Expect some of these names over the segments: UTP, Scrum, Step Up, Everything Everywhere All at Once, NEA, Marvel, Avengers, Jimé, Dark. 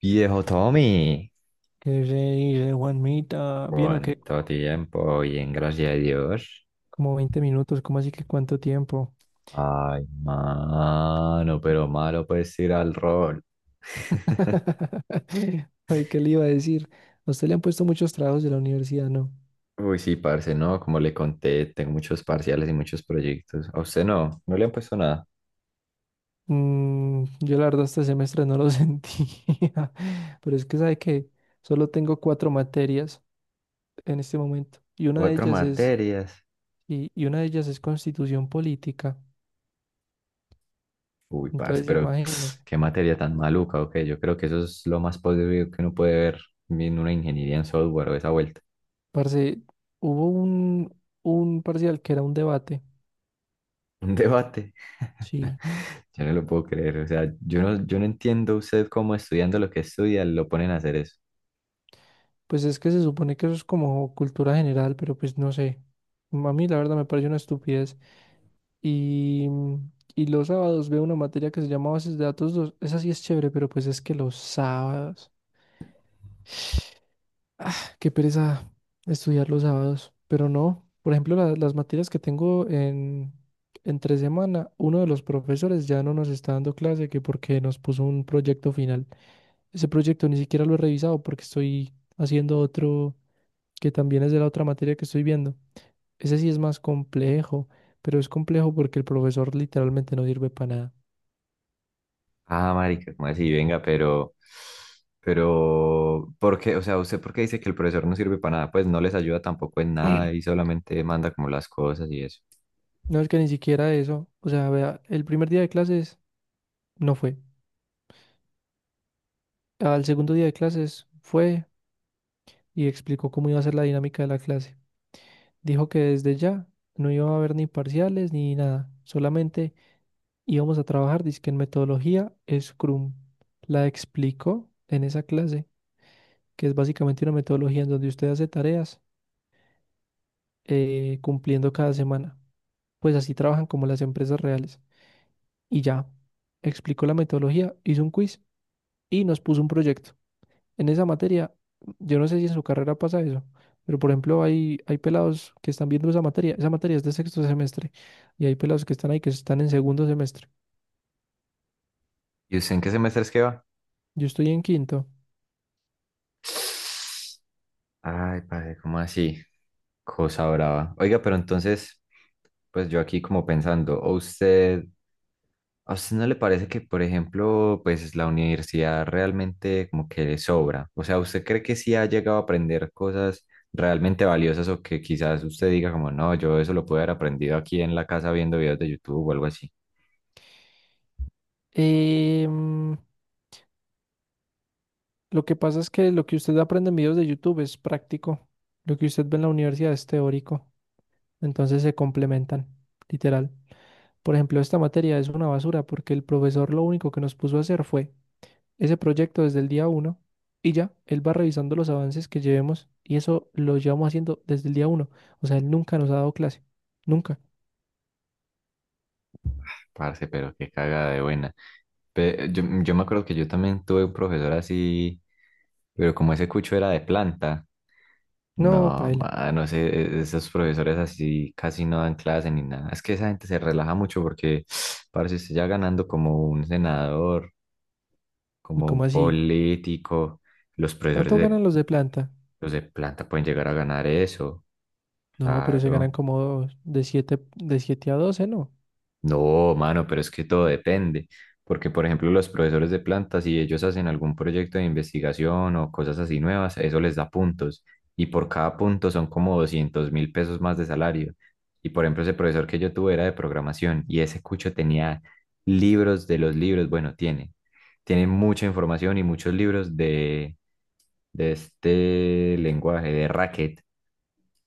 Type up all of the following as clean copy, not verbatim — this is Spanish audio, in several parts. Viejo Tommy, Que rey, re Juanmita, ¿bien o qué? cuánto tiempo, bien, gracias a Dios. Como 20 minutos, ¿cómo así que cuánto tiempo? Ay, mano, pero malo pues ir al rol. Ay, ¿qué le iba a decir? A usted le han puesto muchos trabajos de la universidad, ¿no? Uy, sí, parce, no, como le conté, tengo muchos parciales y muchos proyectos. A usted no le han puesto nada. Yo la verdad este semestre no lo sentía, pero es que sabe que solo tengo cuatro materias en este momento y una de Cuatro ellas es, materias. y una de ellas es constitución política. Uy, parce, Entonces, pero imagínense, qué materia tan maluca, ok. Yo creo que eso es lo más posible que uno puede ver en una ingeniería en software o esa vuelta. parce, hubo un parcial que era un debate, Un debate. sí. Yo no lo puedo creer. O sea, yo no entiendo usted cómo estudiando lo que estudia lo ponen a hacer eso. Pues es que se supone que eso es como cultura general, pero pues no sé. A mí la verdad me parece una estupidez. Y los sábados veo una materia que se llama Bases de Datos 2. Esa sí es chévere, pero pues es que los sábados. Ah, qué pereza estudiar los sábados. Pero no, por ejemplo, las materias que tengo en entre semana, uno de los profesores ya no nos está dando clase que porque nos puso un proyecto final. Ese proyecto ni siquiera lo he revisado porque estoy haciendo otro que también es de la otra materia que estoy viendo. Ese sí es más complejo, pero es complejo porque el profesor literalmente no sirve para nada. Ah, marica, ¿cómo así? Venga, pero ¿por qué? O sea, ¿usted por qué dice que el profesor no sirve para nada? Pues no les ayuda tampoco en nada y solamente manda como las cosas y eso. No es que ni siquiera eso, o sea, vea, el primer día de clases no fue. Al segundo día de clases fue y explicó cómo iba a ser la dinámica de la clase. Dijo que desde ya no iba a haber ni parciales ni nada, solamente íbamos a trabajar, dizque en metodología Scrum. La explicó en esa clase, que es básicamente una metodología en donde usted hace tareas cumpliendo cada semana. Pues así trabajan como las empresas reales. Y ya, explicó la metodología, hizo un quiz y nos puso un proyecto. En esa materia, yo no sé si en su carrera pasa eso, pero por ejemplo hay pelados que están viendo esa materia. Esa materia es de sexto semestre y hay pelados que están ahí que están en segundo semestre. ¿Y usted en qué semestre es que va? Yo estoy en quinto. Ay, padre, ¿cómo así? Cosa brava. Oiga, pero entonces, pues yo aquí como pensando, ¿o usted, ¿a usted no le parece que, por ejemplo, pues la universidad realmente como que le sobra? O sea, ¿usted cree que sí ha llegado a aprender cosas realmente valiosas o que quizás usted diga como no, yo eso lo pude haber aprendido aquí en la casa viendo videos de YouTube o algo así? Em, lo que pasa es que lo que usted aprende en videos de YouTube es práctico. Lo que usted ve en la universidad es teórico. Entonces se complementan, literal. Por ejemplo, esta materia es una basura porque el profesor lo único que nos puso a hacer fue ese proyecto desde el día uno y ya, él va revisando los avances que llevemos y eso lo llevamos haciendo desde el día uno. O sea, él nunca nos ha dado clase. Nunca. Parce, pero qué cagada de buena. Yo me acuerdo que yo también tuve un profesor así, pero como ese cucho era de planta. No, No, paila. mano, esos profesores así casi no dan clase ni nada. Es que esa gente se relaja mucho porque parece usted ya ganando como un senador, Uy, como ¿cómo un así? político. Los profesores ¿Cuánto de, ganan los de planta? los de planta pueden llegar a ganar eso, No, pero se ganan claro. como de siete a doce, ¿no? No, mano, pero es que todo depende, porque por ejemplo los profesores de planta, si ellos hacen algún proyecto de investigación o cosas así nuevas, eso les da puntos y por cada punto son como $200.000 más de salario. Y por ejemplo ese profesor que yo tuve era de programación y ese cucho tenía libros de los libros, tiene mucha información y muchos libros de este lenguaje de racket.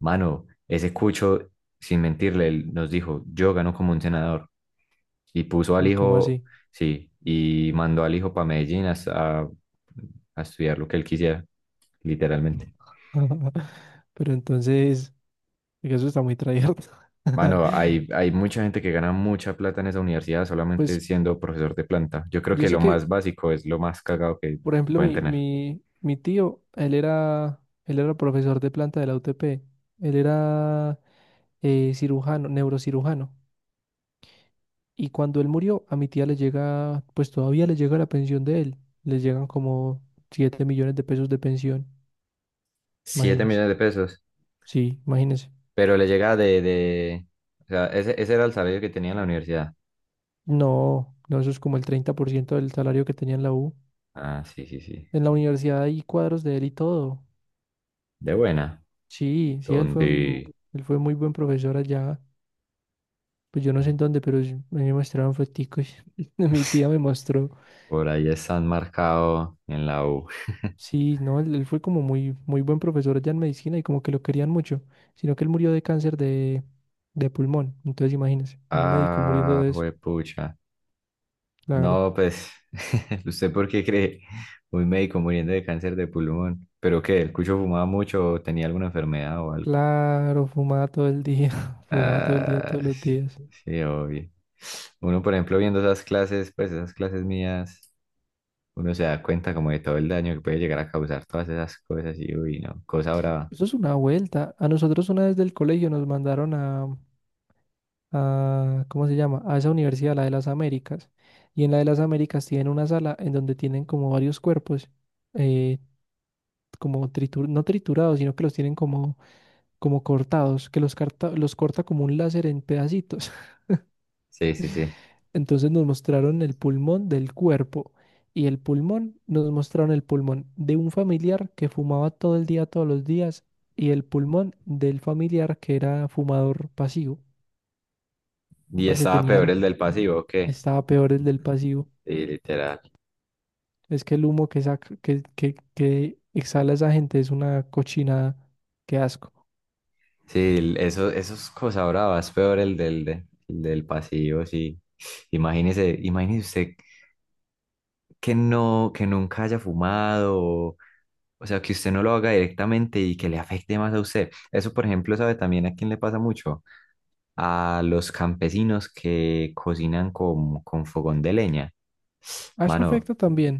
Mano, ese cucho, sin mentirle, él nos dijo: "Yo gano como un senador". Y puso al Uy, ¿cómo hijo, así? sí, y mandó al hijo para Medellín a estudiar lo que él quisiera, literalmente. Pero entonces, oiga, eso está muy tryhard. Mano, hay mucha gente que gana mucha plata en esa universidad solamente Pues siendo profesor de planta. Yo creo yo que sé lo que, más básico es lo más cagado que por ejemplo, pueden mi, tener. mi, mi tío, él era profesor de planta de la UTP. Él era cirujano, neurocirujano. Y cuando él murió, a mi tía le llega, pues todavía le llega la pensión de él. Le llegan como 7 millones de pesos de pensión. Siete Imagínense. millones de pesos. Sí, imagínense. Pero le llega de... O sea, ese era el salario que tenía en la universidad. No, no, eso es como el 30% del salario que tenía en la U. Ah, sí, sí, sí. En la universidad hay cuadros de él y todo. De buena. Sí, sí, él fue un, ¿Dónde? él fue muy buen profesor allá. Pues yo no sé en dónde, pero sí, a mí me mostraron foticos. Mi tía me mostró. Por ahí están marcados en la U. Sí, no, él fue como muy, muy buen profesor allá en medicina y como que lo querían mucho, sino que él murió de cáncer de pulmón. Entonces imagínense, un médico muriendo Ah, de eso. juepucha. Claro, No, pues, ¿usted por qué cree un médico muriendo de cáncer de pulmón? ¿Pero qué? ¿El cucho fumaba mucho o tenía alguna enfermedad o algo? claro, fumaba todo el día, fumaba todo el día, Ah, todos los días. sí, obvio. Uno, por ejemplo, viendo esas clases, pues esas clases mías, uno se da cuenta como de todo el daño que puede llegar a causar todas esas cosas y uy, no, cosa brava. Eso es una vuelta. A nosotros una vez del colegio nos mandaron a, ¿cómo se llama? A esa universidad, la de las Américas. Y en la de las Américas tienen una sala en donde tienen como varios cuerpos. eh, Como no triturados, sino que los tienen como, cortados, que los corta como un láser en pedacitos. Sí, sí, sí. Entonces nos mostraron el pulmón del cuerpo y el pulmón, nos mostraron el pulmón de un familiar que fumaba todo el día, todos los días, y el pulmón del familiar que era fumador pasivo. Y Parce, estaba peor tenían, el del pasivo, que estaba peor el del pasivo. sí, literal. Es que el humo que saca, que exhala esa gente es una cochinada. Qué asco. Sí, eso, eso es cosa brava, es peor el del, el del pasivo, sí. Imagínese, imagínese usted que no, que nunca haya fumado, o sea, que usted no lo haga directamente y que le afecte más a usted. Eso, por ejemplo, sabe también a quién le pasa mucho, a los campesinos que cocinan con fogón de leña. A eso Mano, afecta también.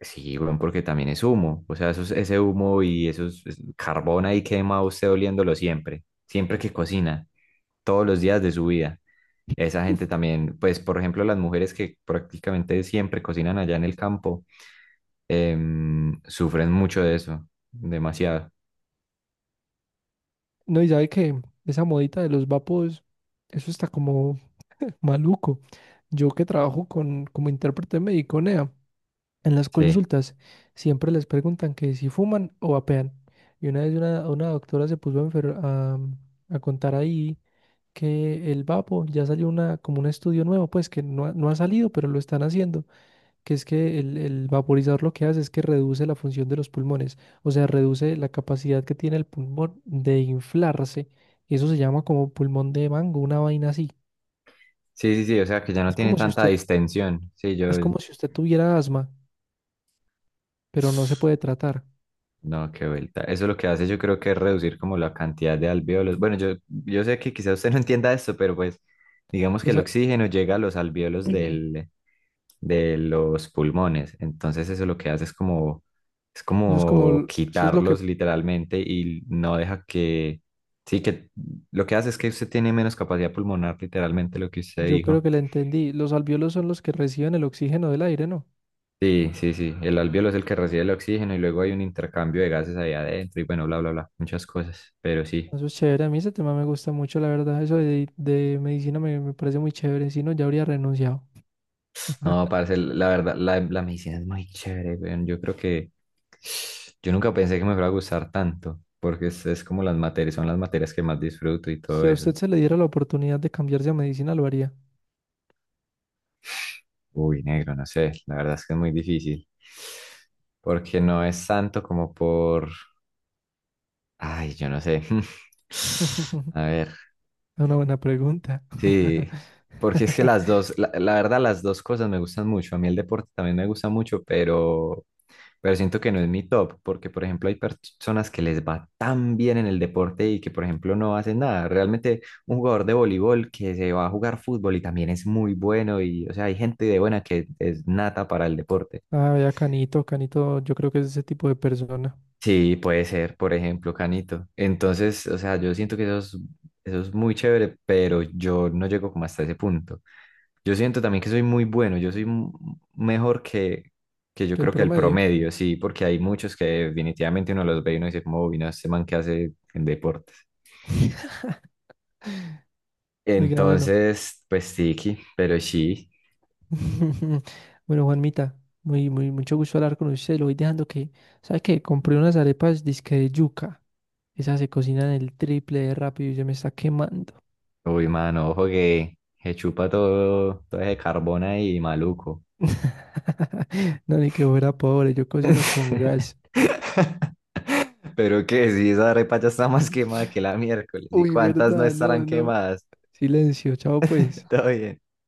sí, bueno, porque también es humo. O sea, ese humo y carbón ahí quema usted oliéndolo siempre, siempre que cocina, todos los días de su vida. Esa gente también, pues, por ejemplo, las mujeres que prácticamente siempre cocinan allá en el campo, sufren mucho de eso, demasiado. No, y sabe que esa modita de los vapos, eso está como maluco. Yo que trabajo con, como intérprete médico NEA, en las Sí, consultas siempre les preguntan que si fuman o vapean. Y una vez una doctora se puso a, a contar ahí que el vapo ya salió una, como un estudio nuevo, pues que no, ha- no ha salido, pero lo están haciendo, que es que el vaporizador lo que hace es que reduce la función de los pulmones, o sea, reduce la capacidad que tiene el pulmón de inflarse. Y eso se llama como pulmón de mango, una vaina así. sí, sí, sí, o sea, que ya no Es tiene como si tanta usted, distensión. Sí, yo, es como si usted tuviera asma, pero no se puede tratar. no, qué vuelta. Eso lo que hace yo creo que es reducir como la cantidad de alvéolos. Bueno, yo sé que quizás usted no entienda esto, pero pues digamos que el Entonces, oxígeno llega a los alvéolos de los pulmones. Entonces eso lo que hace es eso es como, como eso es lo que quitarlos literalmente y no deja que, sí, que lo que hace es que usted tiene menos capacidad pulmonar, literalmente lo que usted yo creo dijo. que le entendí. Los alvéolos son los que reciben el oxígeno del aire, ¿no? Sí, sí, sí. El alvéolo es el que recibe el oxígeno y luego hay un intercambio de gases ahí adentro y bueno, bla, bla, bla, muchas cosas. Pero sí. Eso es chévere, a mí ese tema me gusta mucho, la verdad. Eso de medicina me parece muy chévere, si no, ya habría renunciado. No, parce, la verdad, la medicina es muy chévere, weón. Yo creo que yo nunca pensé que me fuera a gustar tanto, porque es como las materias, son las materias que más disfruto y todo Si a eso. usted se le diera la oportunidad de cambiarse a medicina, ¿lo haría? Uy, negro, no sé, la verdad es que es muy difícil, porque no es tanto como por, ay, yo no sé. A ver, Es una buena pregunta. sí, porque es que las dos, la verdad, las dos cosas me gustan mucho. A mí el deporte también me gusta mucho, pero siento que no es mi top, porque por ejemplo hay personas que les va tan bien en el deporte y que por ejemplo no hacen nada. Realmente un jugador de voleibol que se va a jugar fútbol y también es muy bueno y o sea, hay gente de buena que es nata para el deporte. Ah, vea, Canito, Canito, yo creo que es ese tipo de persona, Sí, puede ser, por ejemplo, Canito. Entonces, o sea, yo siento que eso es muy chévere, pero yo no llego como hasta ese punto. Yo siento también que soy muy bueno, mejor que yo que el creo que el promedio. promedio, sí, porque hay muchos que definitivamente uno los ve y uno dice, como, "Uy, no, este man que hace en deportes". Oiga, bueno. Entonces, pues tiki pero sí, Bueno, Juanmita, muy, muy, mucho gusto hablar con usted. Lo voy dejando que, ¿sabe qué? Compré unas arepas disque de yuca. Esas se cocinan el triple de rápido y ya me está quemando. uy, mano, ojo que se chupa todo, todo ese carbón ahí, maluco. No, ni que fuera pobre, yo cocino con gas. Pero que si esa arepa ya está más quemada que la miércoles, ¿y Uy, cuántas no verdad, estarán no, no. quemadas? Silencio, chao pues. Todo bien.